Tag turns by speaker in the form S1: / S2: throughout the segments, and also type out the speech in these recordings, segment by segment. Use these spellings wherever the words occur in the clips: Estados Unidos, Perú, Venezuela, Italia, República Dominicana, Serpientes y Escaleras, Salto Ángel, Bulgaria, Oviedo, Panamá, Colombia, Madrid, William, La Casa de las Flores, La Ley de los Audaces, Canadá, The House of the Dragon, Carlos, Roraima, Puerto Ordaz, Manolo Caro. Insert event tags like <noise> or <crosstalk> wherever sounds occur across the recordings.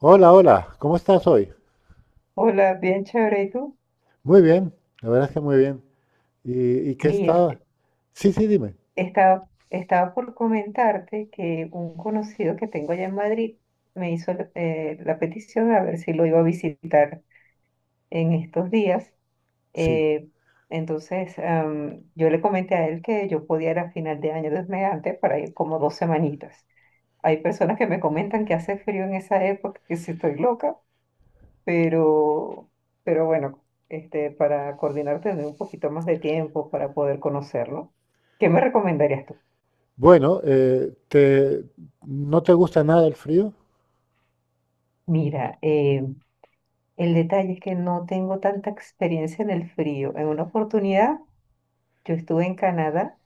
S1: Hola, hola, ¿cómo estás hoy?
S2: Hola, bien chévere. ¿Y tú?
S1: Muy bien, la verdad es que muy bien. ¿Y qué
S2: Mir,
S1: está? Sí, sí, dime.
S2: estaba por comentarte que un conocido que tengo allá en Madrid me hizo la petición a ver si lo iba a visitar en estos días.
S1: Sí.
S2: Eh, entonces, yo le comenté a él que yo podía ir a final de año Dios mediante para ir como dos semanitas. Hay personas que me comentan que hace frío en esa época, que si estoy loca, pero, bueno, este, para coordinar tener un poquito más de tiempo para poder conocerlo. ¿Qué me recomendarías tú?
S1: Bueno, ¿no te gusta nada el frío?
S2: Mira, el detalle es que no tengo tanta experiencia en el frío. En una oportunidad yo estuve en Canadá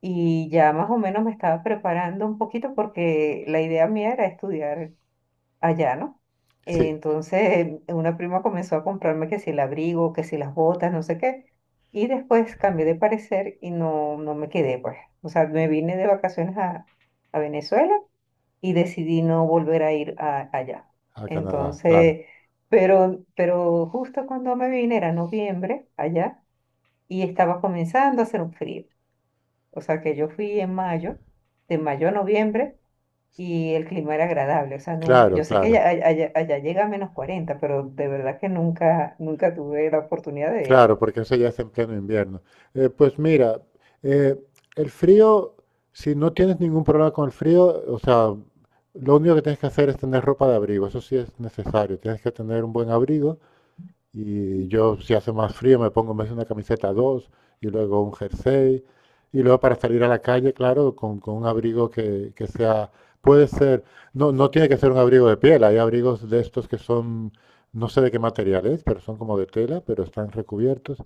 S2: y ya más o menos me estaba preparando un poquito porque la idea mía era estudiar allá, ¿no?
S1: Sí,
S2: Entonces, <laughs> una prima comenzó a comprarme que si el abrigo, que si las botas, no sé qué. Y después cambié de parecer y no, me quedé, pues. O sea, me vine de vacaciones a, Venezuela y decidí no volver a allá.
S1: a Canadá, claro.
S2: Entonces, pero, justo cuando me vine, era noviembre allá, y estaba comenzando a hacer un frío. O sea, que yo fui en mayo, de mayo a noviembre y el clima era agradable. O sea, nunca,
S1: Claro,
S2: yo sé que
S1: claro,
S2: allá, allá llega a menos 40 pero de verdad que nunca, nunca tuve la oportunidad de,
S1: claro, porque eso ya es en pleno invierno. Pues mira, eh, el frío, si no tienes ningún problema con el frío, o sea, lo único que tienes que hacer es tener ropa de abrigo, eso sí es necesario, tienes que tener un buen abrigo. Y yo, si hace más frío, me pongo en vez de una camiseta dos y luego un jersey. Y luego para salir a la calle, claro, con un abrigo que sea, puede ser, no, no tiene que ser un abrigo de piel, hay abrigos de estos que son, no sé de qué material es, pero son como de tela, pero están recubiertos.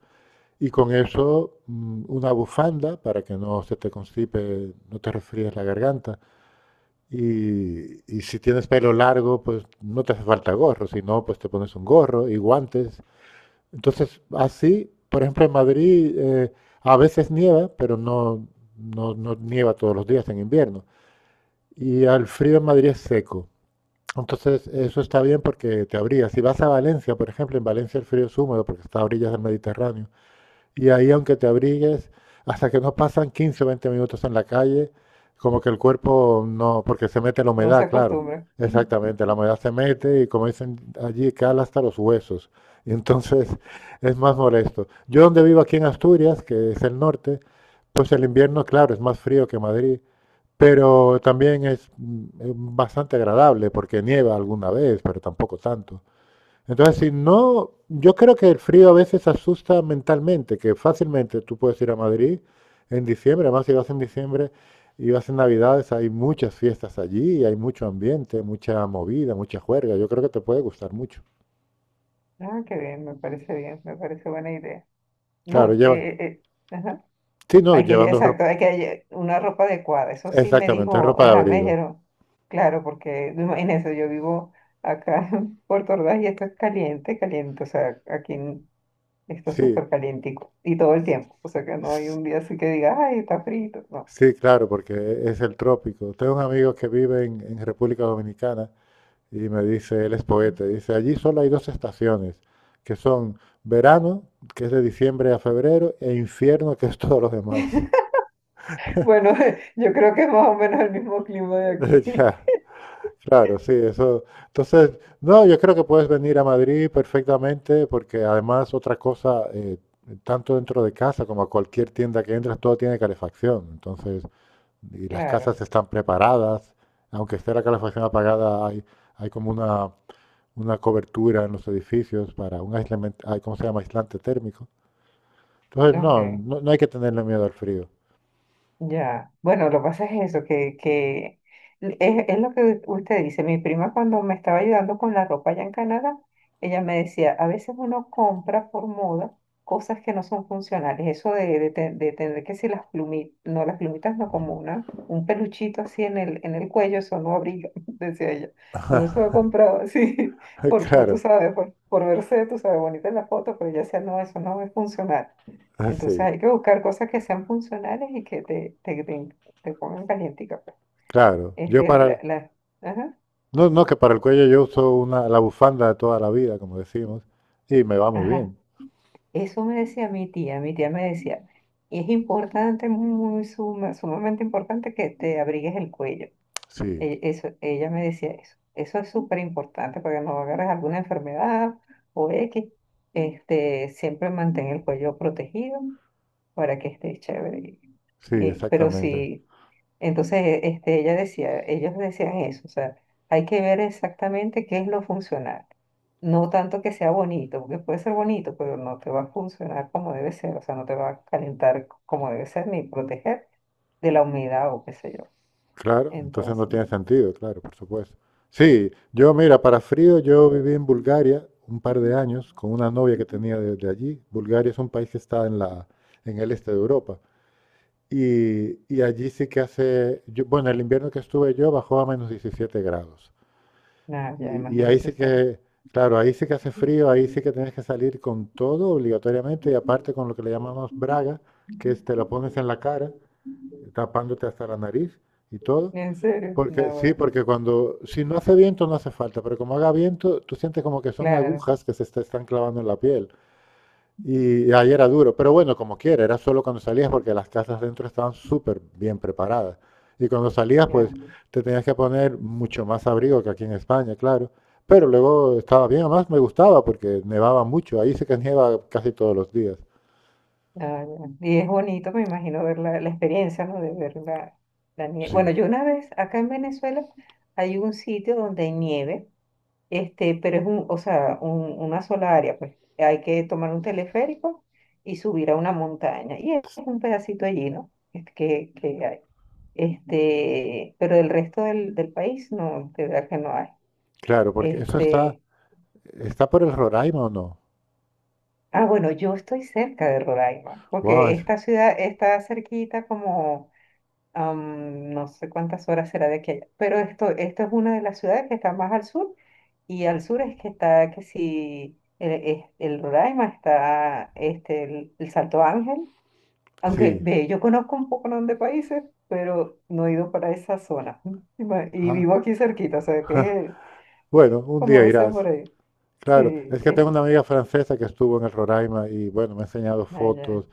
S1: Y con eso una bufanda para que no se te constipe, no te resfríes la garganta. Y si tienes pelo largo, pues no te hace falta gorro, si no, pues te pones un gorro y guantes. Entonces, así, por ejemplo, en Madrid a veces nieva, pero no nieva todos los días en invierno. Y al frío en Madrid es seco. Entonces, eso está bien porque te abrigas. Si vas a Valencia, por ejemplo, en Valencia el frío es húmedo porque está a orillas del Mediterráneo. Y ahí, aunque te abrigues, hasta que no pasan 15 o 20 minutos en la calle, como que el cuerpo no, porque se mete la
S2: no se
S1: humedad, claro.
S2: acostumbra. Ujú.
S1: Exactamente, la humedad se mete y como dicen allí, cala hasta los huesos. <laughs> Y entonces es más molesto. Yo donde vivo aquí en Asturias, que es el norte, pues el invierno, claro, es más frío que Madrid, pero también es bastante agradable porque nieva alguna vez, pero tampoco tanto. Entonces, si no, yo creo que el frío a veces asusta mentalmente, que fácilmente tú puedes ir a Madrid en diciembre, además si vas en diciembre y vas en Navidades, hay muchas fiestas allí, y hay mucho ambiente, mucha movida, mucha juerga, yo creo que te puede gustar mucho.
S2: Ah, qué bien, me parece buena idea.
S1: Claro,
S2: No,
S1: lleva,
S2: ajá.
S1: sí, no,
S2: Hay que,
S1: llevando
S2: exacto,
S1: ropa,
S2: hay que una ropa adecuada. Eso sí me
S1: exactamente,
S2: dijo,
S1: ropa de
S2: ajá, me
S1: abrigo,
S2: dijeron, claro, porque imagínense, yo vivo acá <laughs> en Puerto Ordaz y esto es caliente, caliente, o sea, esto es
S1: sí,
S2: súper calientico y todo el tiempo, o sea que no hay
S1: s-
S2: un día así que diga, ay, está frito, no.
S1: sí, claro, porque es el trópico. Tengo un amigo que vive en República Dominicana. Y me dice, él es poeta, dice, allí solo hay dos estaciones, que son verano, que es de diciembre a febrero, e infierno, que es todos los demás.
S2: Bueno, <laughs> yo creo que es más o menos el mismo clima de
S1: <laughs>
S2: aquí.
S1: Ya,
S2: <laughs>
S1: claro, sí, eso. Entonces, no, yo creo que puedes venir a Madrid perfectamente, porque además otra cosa, tanto dentro de casa como a cualquier tienda que entres todo tiene calefacción. Entonces, y las casas
S2: Claro,
S1: están preparadas, aunque esté la calefacción apagada, hay como una cobertura en los edificios para un aislamiento, ay, ¿cómo se llama? Aislante térmico. Entonces,
S2: ok.
S1: no hay que tenerle miedo al frío.
S2: Ya, bueno, lo que pasa es eso, que es, lo que usted dice. Mi prima cuando me estaba ayudando con la ropa allá en Canadá, ella me decía, a veces uno compra por moda cosas que no son funcionales. Eso de tener que si las plumitas, no, las plumitas no, como una, un peluchito así en el cuello, eso no abriga, <laughs> decía ella. Uno se lo compraba así, <laughs>
S1: <laughs>
S2: por, tú
S1: Claro,
S2: sabes, por, verse, tú sabes, bonita en la foto, pero ella decía, no, eso no es funcional. Entonces
S1: así,
S2: hay que buscar cosas que sean funcionales y que te pongan calientica, pues.
S1: claro.
S2: Este, ajá,
S1: No, no, que para el cuello yo uso una, la bufanda de toda la vida, como decimos, y me va muy
S2: ajá.
S1: bien.
S2: Eso me decía mi tía me decía, es importante, muy sumamente importante que te abrigues el cuello.
S1: Sí,
S2: Eso, ella me decía eso. Eso es súper importante para que no agarres alguna enfermedad o X. Este, siempre mantén el cuello protegido para que esté chévere.
S1: sí,
S2: Y- pero
S1: exactamente.
S2: si Entonces, este, ella decía, ellos decían eso, o sea, hay que ver exactamente qué es lo funcional. No tanto que sea bonito, porque puede ser bonito, pero no te va a funcionar como debe ser, o sea, no te va a calentar como debe ser, ni proteger de la humedad o qué sé yo.
S1: Claro, entonces
S2: Entonces,
S1: no tiene sentido, claro, por supuesto. Sí, yo mira, para frío yo viví en Bulgaria un par de años con una novia que tenía desde allí. Bulgaria es un país que está en la, en el este de Europa. Y allí sí que hace, yo- bueno, el invierno que estuve yo bajó a menos 17 grados.
S2: nada, ya
S1: Y ahí
S2: imagínense
S1: sí
S2: ustedes.
S1: que, claro, ahí sí que hace frío, ahí sí que tienes que salir con todo obligatoriamente y aparte con lo que le llamamos braga, que es te lo pones en la cara, tapándote hasta la nariz y todo.
S2: En serio,
S1: Porque
S2: no,
S1: sí,
S2: bueno,
S1: porque cuando, si no hace viento no hace falta, pero como haga viento, tú sientes como que son
S2: claro,
S1: agujas que se te están clavando en la piel. Y ahí era duro, pero bueno, como quiera, era solo cuando salías porque las casas dentro estaban súper bien preparadas. Y cuando salías, pues
S2: claro.
S1: te tenías que poner mucho más abrigo que aquí en España, claro. Pero luego estaba bien, además me gustaba porque nevaba mucho, ahí se que nieva casi todos los días.
S2: Ah, ya. Y es bonito, me imagino, ver la, la experiencia, ¿no? De ver la, la nieve.
S1: Sí,
S2: Bueno, yo una vez, acá en Venezuela, hay un sitio donde hay nieve, este, pero es un, o sea, una sola área, pues. Hay que tomar un teleférico y subir a una montaña. Y es un pedacito allí, ¿no? Es que hay. Este, pero el resto del, del país, no, este, de verdad que no hay.
S1: claro, porque eso está,
S2: Este,
S1: está por el Roraima o no.
S2: ah, bueno, yo estoy cerca de Roraima,
S1: Wow,
S2: porque esta ciudad está cerquita como no sé cuántas horas será de aquí a allá, pero esto es una de las ciudades que está más al sur y al sur es que está que si el, el Roraima está este, el Salto Ángel, aunque
S1: sí.
S2: ve, yo conozco un poco de países, pero no he ido para esa zona <laughs> y
S1: Ah,
S2: vivo aquí cerquita, o sea
S1: <laughs>
S2: que es
S1: bueno, un
S2: como
S1: día
S2: dicen
S1: irás.
S2: por ahí,
S1: Claro,
S2: sí,
S1: es que
S2: es
S1: tengo una amiga francesa que estuvo en el Roraima y bueno, me ha enseñado
S2: allá,
S1: fotos.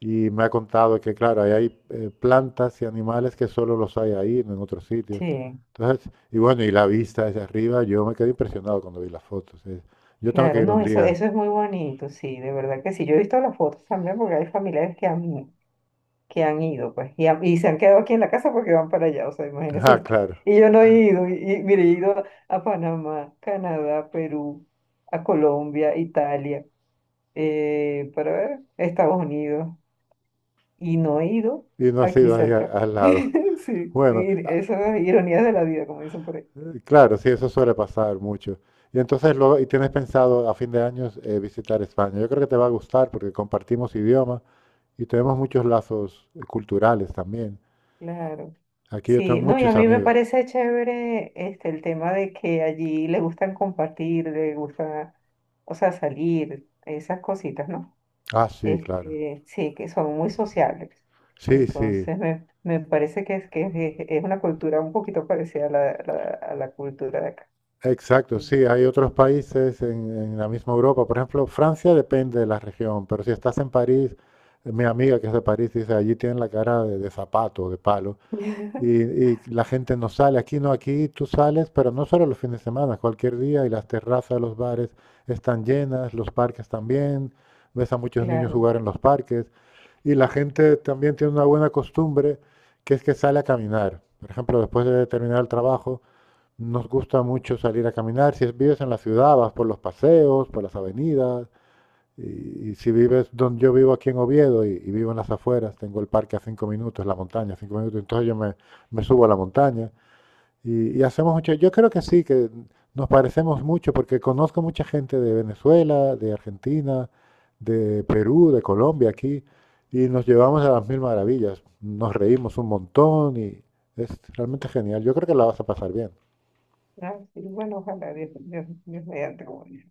S1: Y me ha contado que, claro, ahí hay plantas y animales que solo los hay ahí, no en otros sitios.
S2: sí.
S1: Entonces, y bueno, y la vista desde arriba, yo me quedé impresionado cuando vi las fotos. Yo tengo que
S2: Claro,
S1: ir un
S2: no, eso,
S1: día.
S2: eso es muy bonito, sí, de verdad que sí. Yo he visto las fotos también porque hay familiares que han ido, pues, y, y se han quedado aquí en la casa porque van para allá, o sea, imagínese
S1: Ah,
S2: usted.
S1: claro.
S2: Y yo no he ido, y mire, he ido a Panamá, Canadá, Perú, a Colombia, Italia, para ver, Estados Unidos, y no he ido
S1: Y no ha
S2: aquí
S1: sido ahí al,
S2: cerca.
S1: al lado.
S2: <laughs> Sí,
S1: Bueno,
S2: y esas ironías de la vida, como dicen por ahí.
S1: claro, sí, eso suele pasar mucho. Y entonces luego, y tienes pensado a fin de año visitar España. Yo creo que te va a gustar porque compartimos idioma y tenemos muchos lazos culturales también.
S2: Claro.
S1: Aquí yo tengo
S2: Sí, no, y a
S1: muchos
S2: mí me
S1: amigos.
S2: parece chévere este, el tema de que allí le gustan compartir, le gusta, o sea, salir, esas cositas, ¿no?
S1: Ah, sí, claro.
S2: Este, sí, que son muy sociables.
S1: Sí, sí,
S2: Entonces, me parece que es, una cultura un poquito parecida a la cultura de acá.
S1: exacto,
S2: En-
S1: sí, hay otros países en la misma Europa, por ejemplo, Francia depende de la región, pero si estás en París, mi amiga que es de París dice, allí tienen la cara de zapato, de palo, y,
S2: <laughs>
S1: y la gente no sale, aquí no, aquí tú sales, pero no solo los fines de semana, cualquier día, y las terrazas de los bares están llenas, los parques también, ves a muchos niños
S2: Claro,
S1: jugar en los parques, y la gente también tiene una buena costumbre, que es que sale a caminar, por ejemplo, después de terminar el trabajo. Nos gusta mucho salir a caminar. Si vives en la ciudad, vas por los paseos, por las avenidas. Y si vives donde yo vivo aquí en Oviedo y vivo en las afueras, tengo el parque a 5 minutos, la montaña a 5 minutos, entonces me subo a la montaña y hacemos mucho. Yo creo que sí, que nos parecemos mucho porque conozco mucha gente de Venezuela, de Argentina, de Perú, de Colombia aquí y nos llevamos a las mil maravillas. Nos reímos un montón y es realmente genial. Yo creo que la vas a pasar bien.
S2: ah, sí, bueno, ojalá, Dios mediante, como dice.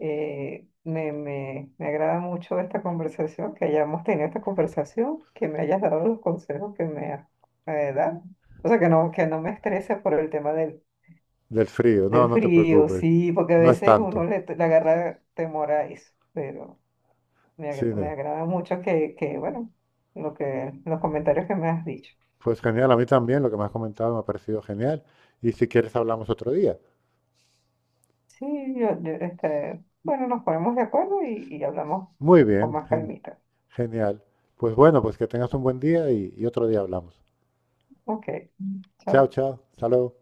S2: Me agrada mucho esta conversación, que hayamos tenido esta conversación, que me hayas dado los consejos que me has dado. O sea, que no me estrese por el tema del,
S1: Del frío, no,
S2: del
S1: no te
S2: frío,
S1: preocupes.
S2: sí, porque a
S1: No es
S2: veces uno
S1: tanto.
S2: le, le agarra temor a eso, pero... Me, me
S1: Cine.
S2: agrada mucho que, lo que, los comentarios que me has dicho.
S1: Pues genial, a mí también lo que me has comentado me ha parecido genial. Y si quieres hablamos otro día.
S2: Sí, este, bueno, nos ponemos de acuerdo y hablamos
S1: Muy
S2: con
S1: bien,
S2: más calmita.
S1: genial. Pues bueno, pues que tengas un buen día y otro día hablamos.
S2: Ok,
S1: Chao,
S2: chao.
S1: chao. Hasta luego.